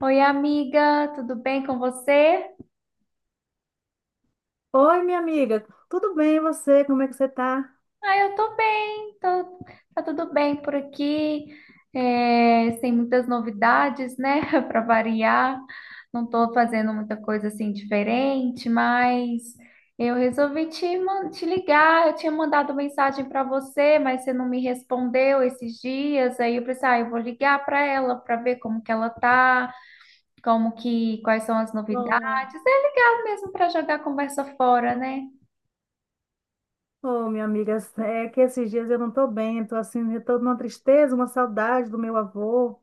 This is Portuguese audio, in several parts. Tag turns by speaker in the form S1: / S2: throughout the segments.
S1: Oi, amiga, tudo bem com você?
S2: Oi, minha amiga, tudo bem e você? Como é que você tá?
S1: Ah, eu tô bem, tá tudo bem por aqui, é, sem muitas novidades, né, para variar. Não tô fazendo muita coisa assim diferente, mas eu resolvi te ligar. Eu tinha mandado mensagem para você, mas você não me respondeu esses dias. Aí eu pensei, ah, eu vou ligar para ela para ver como que ela tá, quais são as novidades.
S2: Oh,
S1: É legal mesmo para jogar a conversa fora, né?
S2: Ô, minha amiga, é que esses dias eu não tô bem, tô assim, eu tô numa tristeza, uma saudade do meu avô.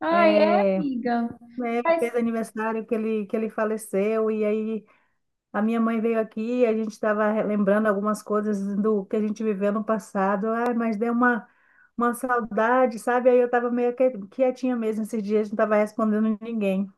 S1: Ai, é,
S2: É,
S1: amiga.
S2: né,
S1: Mas
S2: fez
S1: eu
S2: aniversário que ele, faleceu, e aí a minha mãe veio aqui, e a gente estava lembrando algumas coisas do que a gente viveu no passado, ai, mas deu uma, saudade, sabe? Aí eu estava meio quietinha mesmo esses dias, não estava respondendo ninguém.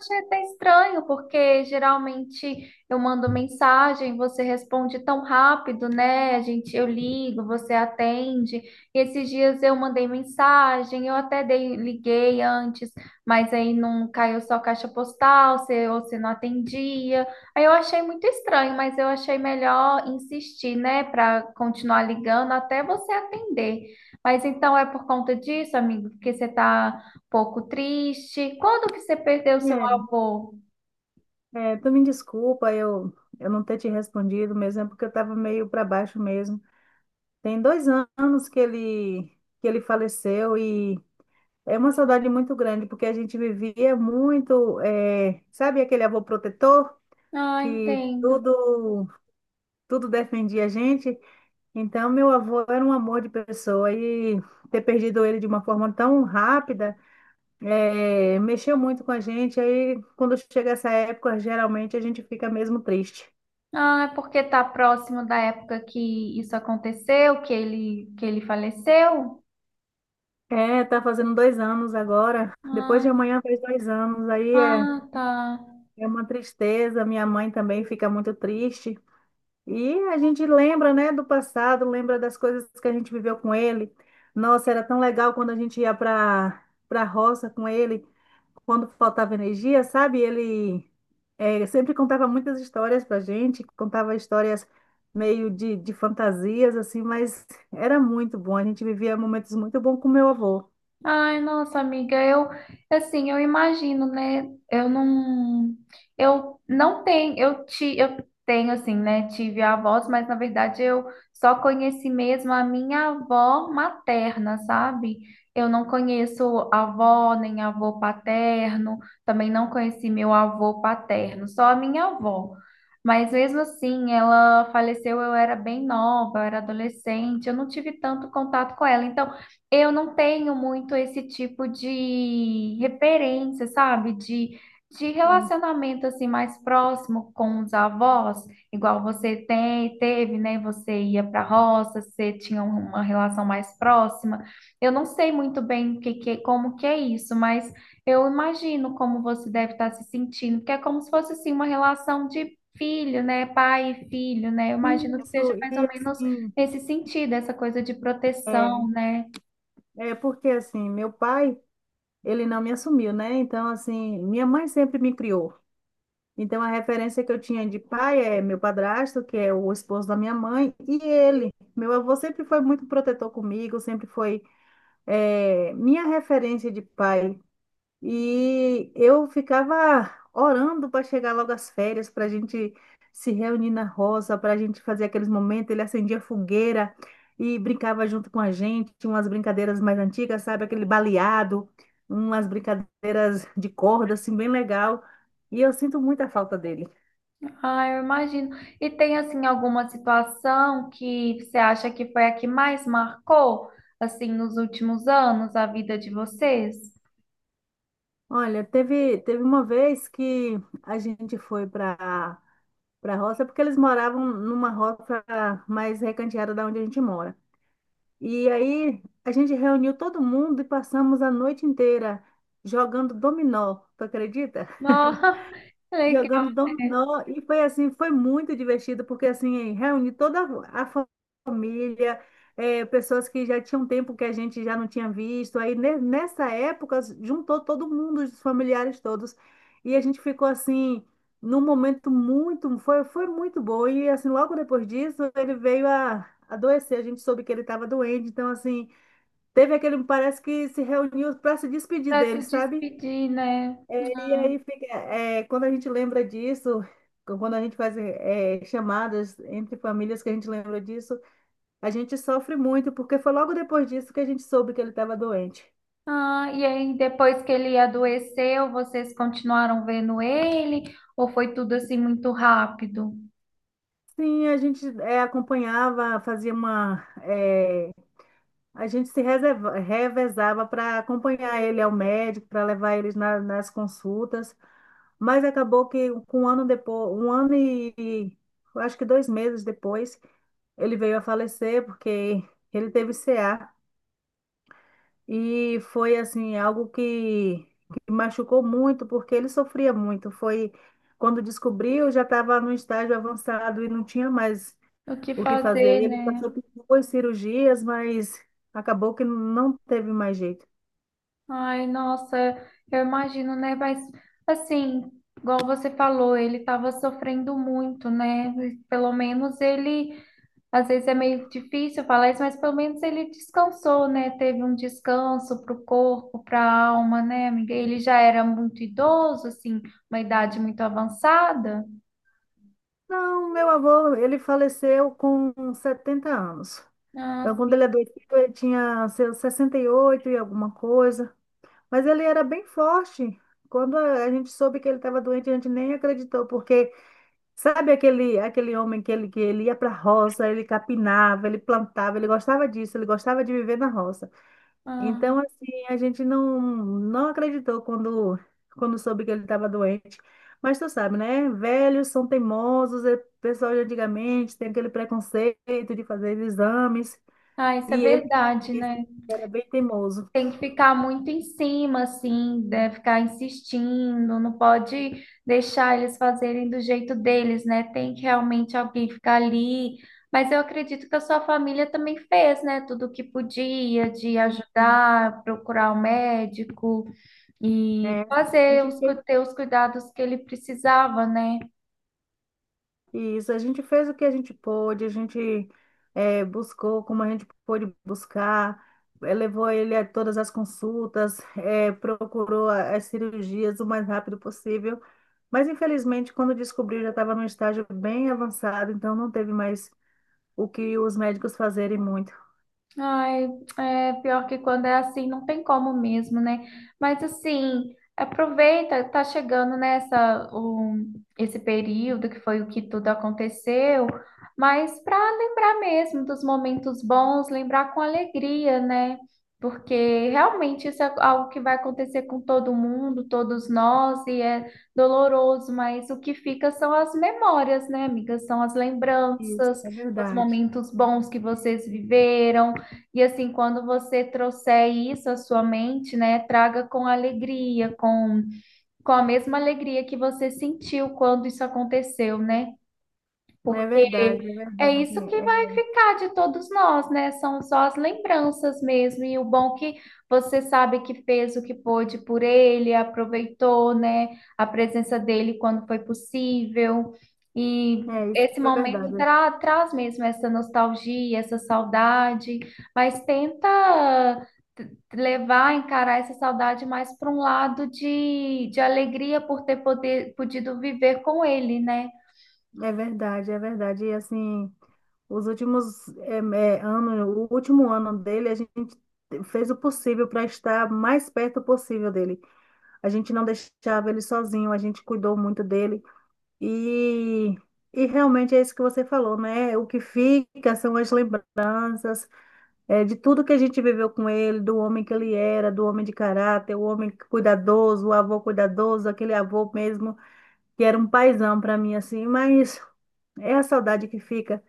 S1: achei até estranho, porque geralmente eu mando mensagem, você responde tão rápido, né? Eu ligo, você atende. E esses dias eu mandei mensagem, liguei antes, mas aí não caiu só caixa postal, você não atendia. Aí eu achei muito estranho, mas eu achei melhor insistir, né, para continuar ligando até você atender. Mas então é por conta disso, amigo, porque você tá pouco triste. Quando que você perdeu seu avô?
S2: É, tu me desculpa eu, não ter te respondido mesmo, é porque eu estava meio para baixo mesmo. Tem dois anos que ele faleceu e é uma saudade muito grande, porque a gente vivia muito, é, sabe aquele avô protetor
S1: Ah,
S2: que
S1: entendo.
S2: tudo, tudo defendia a gente? Então, meu avô era um amor de pessoa e ter perdido ele de uma forma tão rápida, é, mexeu muito com a gente. Aí, quando chega essa época, geralmente a gente fica mesmo triste.
S1: Ah, é porque tá próximo da época que isso aconteceu, que ele faleceu?
S2: É, tá fazendo 2 anos agora. Depois
S1: Ah,
S2: de amanhã faz 2 anos. Aí é,
S1: ah, tá.
S2: é uma tristeza. Minha mãe também fica muito triste. E a gente lembra, né, do passado, lembra das coisas que a gente viveu com ele. Nossa, era tão legal quando a gente ia para roça com ele, quando faltava energia, sabe? Ele é, sempre contava muitas histórias para gente, contava histórias meio de, fantasias, assim, mas era muito bom. A gente vivia momentos muito bons com meu avô.
S1: Ai, nossa amiga, eu imagino, né? Eu não tenho, eu tenho assim, né? Tive avós, mas na verdade eu só conheci mesmo a minha avó materna, sabe? Eu não conheço avó nem avô paterno, também não conheci meu avô paterno, só a minha avó. Mas mesmo assim, ela faleceu, eu era bem nova, eu era adolescente, eu não tive tanto contato com ela. Então eu não tenho muito esse tipo de referência, sabe? De relacionamento assim mais próximo com os avós, igual você teve, né? Você ia para a roça, você tinha uma relação mais próxima. Eu não sei muito bem como que é isso, mas eu imagino como você deve estar se sentindo, porque é como se fosse assim uma relação de filho, né? Pai e filho, né? Eu imagino que
S2: Isso,
S1: seja mais ou
S2: e
S1: menos
S2: assim,
S1: nesse sentido, essa coisa de
S2: é,
S1: proteção, né?
S2: é porque assim, meu pai, ele não me assumiu, né? Então, assim, minha mãe sempre me criou. Então, a referência que eu tinha de pai é meu padrasto, que é o esposo da minha mãe, e ele. Meu avô sempre foi muito protetor comigo, sempre foi, é, minha referência de pai. E eu ficava orando para chegar logo as férias, para a gente se reunir na roça, para a gente fazer aqueles momentos. Ele acendia fogueira e brincava junto com a gente, tinha umas brincadeiras mais antigas, sabe? Aquele baleado, umas brincadeiras de corda, assim, bem legal. E eu sinto muita falta dele.
S1: Ah, eu imagino. E tem assim alguma situação que você acha que foi a que mais marcou assim nos últimos anos a vida de vocês?
S2: Olha, teve uma vez que a gente foi para roça, porque eles moravam numa roça mais recanteada da onde a gente mora. E aí a gente reuniu todo mundo e passamos a noite inteira jogando dominó, tu acredita?
S1: Ah,
S2: jogando
S1: legal, né?
S2: dominó e foi assim, foi muito divertido porque assim, reuni toda a família, eh, pessoas que já tinham tempo que a gente já não tinha visto. Aí nessa época juntou todo mundo, os familiares todos, e a gente ficou assim num momento muito, foi muito bom. E assim, logo depois disso, ele veio a adoecer, a gente soube que ele estava doente, então assim, teve aquele, parece que se reuniu para se despedir
S1: Pra
S2: dele,
S1: se
S2: sabe?
S1: despedir, né?
S2: E aí fica, é, quando a gente lembra disso, quando a gente faz chamadas entre famílias que a gente lembra disso, a gente sofre muito, porque foi logo depois disso que a gente soube que ele estava doente.
S1: Ah, e aí depois que ele adoeceu, vocês continuaram vendo ele ou foi tudo assim muito rápido?
S2: Sim, a gente é, acompanhava, fazia uma. A gente se reserva, revezava para acompanhar ele ao médico, para levar eles nas consultas, mas acabou que com um ano depois, um ano e eu acho que 2 meses depois, ele veio a falecer porque ele teve CA. E foi assim, algo que machucou muito, porque ele sofria muito. Foi quando descobriu, já estava no estágio avançado e não tinha mais
S1: O que
S2: o que fazer.
S1: fazer,
S2: Ele
S1: né?
S2: passou por duas cirurgias, mas acabou que não teve mais jeito.
S1: Ai, nossa, eu imagino, né? Mas assim, igual você falou, ele estava sofrendo muito, né? Pelo menos ele, às vezes é meio difícil falar isso, mas pelo menos ele descansou, né? Teve um descanso para o corpo, para a alma, né, amiga? Ele já era muito idoso, assim, uma idade muito avançada.
S2: Não, meu avô, ele faleceu com 70 anos.
S1: Ah,
S2: Então, quando
S1: sim.
S2: ele adoeceu, ele tinha seus 68 e oito e alguma coisa. Mas ele era bem forte. Quando a gente soube que ele estava doente, a gente nem acreditou, porque sabe aquele, aquele homem que ele ia para a roça, ele capinava, ele plantava, ele gostava disso, ele gostava de viver na roça.
S1: Ah,
S2: Então, assim, a gente não acreditou quando, soube que ele estava doente. Mas tu sabe, né? Velhos são teimosos, é pessoal de antigamente tem aquele preconceito de fazer exames,
S1: ah, isso é
S2: e ele
S1: verdade, né?
S2: era bem teimoso.
S1: Tem que ficar muito em cima, assim, né? Ficar insistindo, não pode deixar eles fazerem do jeito deles, né? Tem que realmente alguém ficar ali. Mas eu acredito que a sua família também fez, né? Tudo o que podia de
S2: Enfim,
S1: ajudar, procurar o médico e
S2: é, a
S1: fazer
S2: gente
S1: ter os cuidados que ele precisava, né?
S2: Isso, a gente fez o que a gente pôde, a gente buscou como a gente pôde buscar, levou ele a todas as consultas, procurou as cirurgias o mais rápido possível, mas infelizmente, quando descobriu, já estava num estágio bem avançado, então não teve mais o que os médicos fazerem muito.
S1: Ai, é pior que quando é assim, não tem como mesmo, né? Mas assim, aproveita, tá chegando nessa o esse período que foi o que tudo aconteceu, mas para lembrar mesmo dos momentos bons, lembrar com alegria, né? Porque realmente isso é algo que vai acontecer com todo mundo, todos nós, e é doloroso, mas o que fica são as memórias, né, amiga? São as
S2: Isso,
S1: lembranças,
S2: é
S1: os
S2: verdade.
S1: momentos bons que vocês viveram. E assim, quando você trouxer isso à sua mente, né, traga com alegria, com a mesma alegria que você sentiu quando isso aconteceu, né?
S2: É
S1: Porque
S2: verdade, é
S1: é
S2: verdade.
S1: isso que vai
S2: É,
S1: ficar de todos nós, né? São só as lembranças mesmo, e o bom que você sabe que fez o que pôde por ele, aproveitou, né, a presença dele quando foi possível. E
S2: é isso,
S1: esse
S2: foi
S1: momento
S2: verdade.
S1: traz mesmo essa nostalgia, essa saudade, mas tenta levar, encarar essa saudade mais para um lado de alegria por podido viver com ele, né?
S2: É verdade, é verdade. E assim, os últimos eh, eh, anos, o último ano dele, a gente fez o possível para estar mais perto possível dele. A gente não deixava ele sozinho, a gente cuidou muito dele. E, e realmente é isso que você falou, né? O que fica são as lembranças, eh, de tudo que a gente viveu com ele, do homem que ele era, do homem de caráter, o homem cuidadoso, o avô cuidadoso, aquele avô mesmo que era um paizão para mim, assim, mas é a saudade que fica.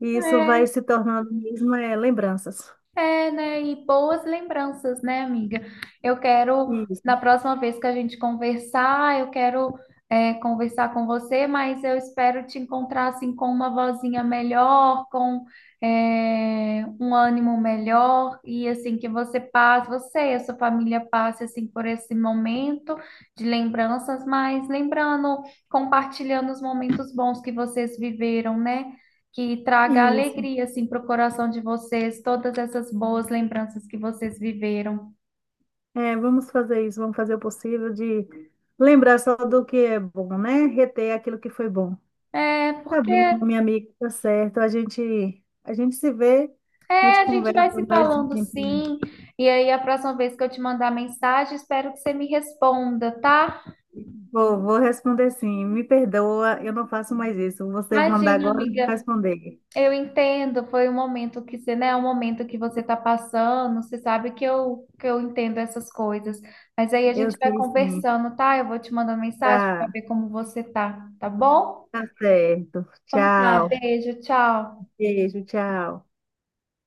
S2: E isso vai
S1: É,
S2: se tornando mesmo é, lembranças.
S1: é, né? E boas lembranças, né, amiga? Eu quero, na
S2: Isso,
S1: próxima vez que a gente conversar, eu quero, é, conversar com você, mas eu espero te encontrar assim com uma vozinha melhor, é, um ânimo melhor, e assim que você passe, você e a sua família passe assim por esse momento de lembranças, mas lembrando, compartilhando os momentos bons que vocês viveram, né? Que traga
S2: isso.
S1: alegria assim para o coração de vocês, todas essas boas lembranças que vocês viveram.
S2: É, vamos fazer isso, vamos fazer o possível de lembrar só do que é bom, né? Reter aquilo que foi bom.
S1: É,
S2: Tá
S1: porque
S2: bom,
S1: é,
S2: minha amiga, tá certo. A gente se vê, a gente
S1: a gente
S2: conversa
S1: vai se
S2: mais um
S1: falando
S2: tempinho.
S1: sim, e aí a próxima vez que eu te mandar mensagem, espero que você me responda, tá?
S2: Vou responder sim. Me perdoa, eu não faço mais isso. Você mandar
S1: Imagina,
S2: agora, eu vou
S1: amiga,
S2: responder.
S1: eu entendo, foi um momento que você, né, é um momento que você tá passando, você sabe que eu entendo essas coisas, mas aí a
S2: Eu
S1: gente vai
S2: sei sim.
S1: conversando, tá? Eu vou te mandar mensagem para
S2: Tá.
S1: ver como você tá, tá bom?
S2: Tá certo.
S1: Tá,
S2: Tchau.
S1: beijo, tchau.
S2: Beijo, tchau.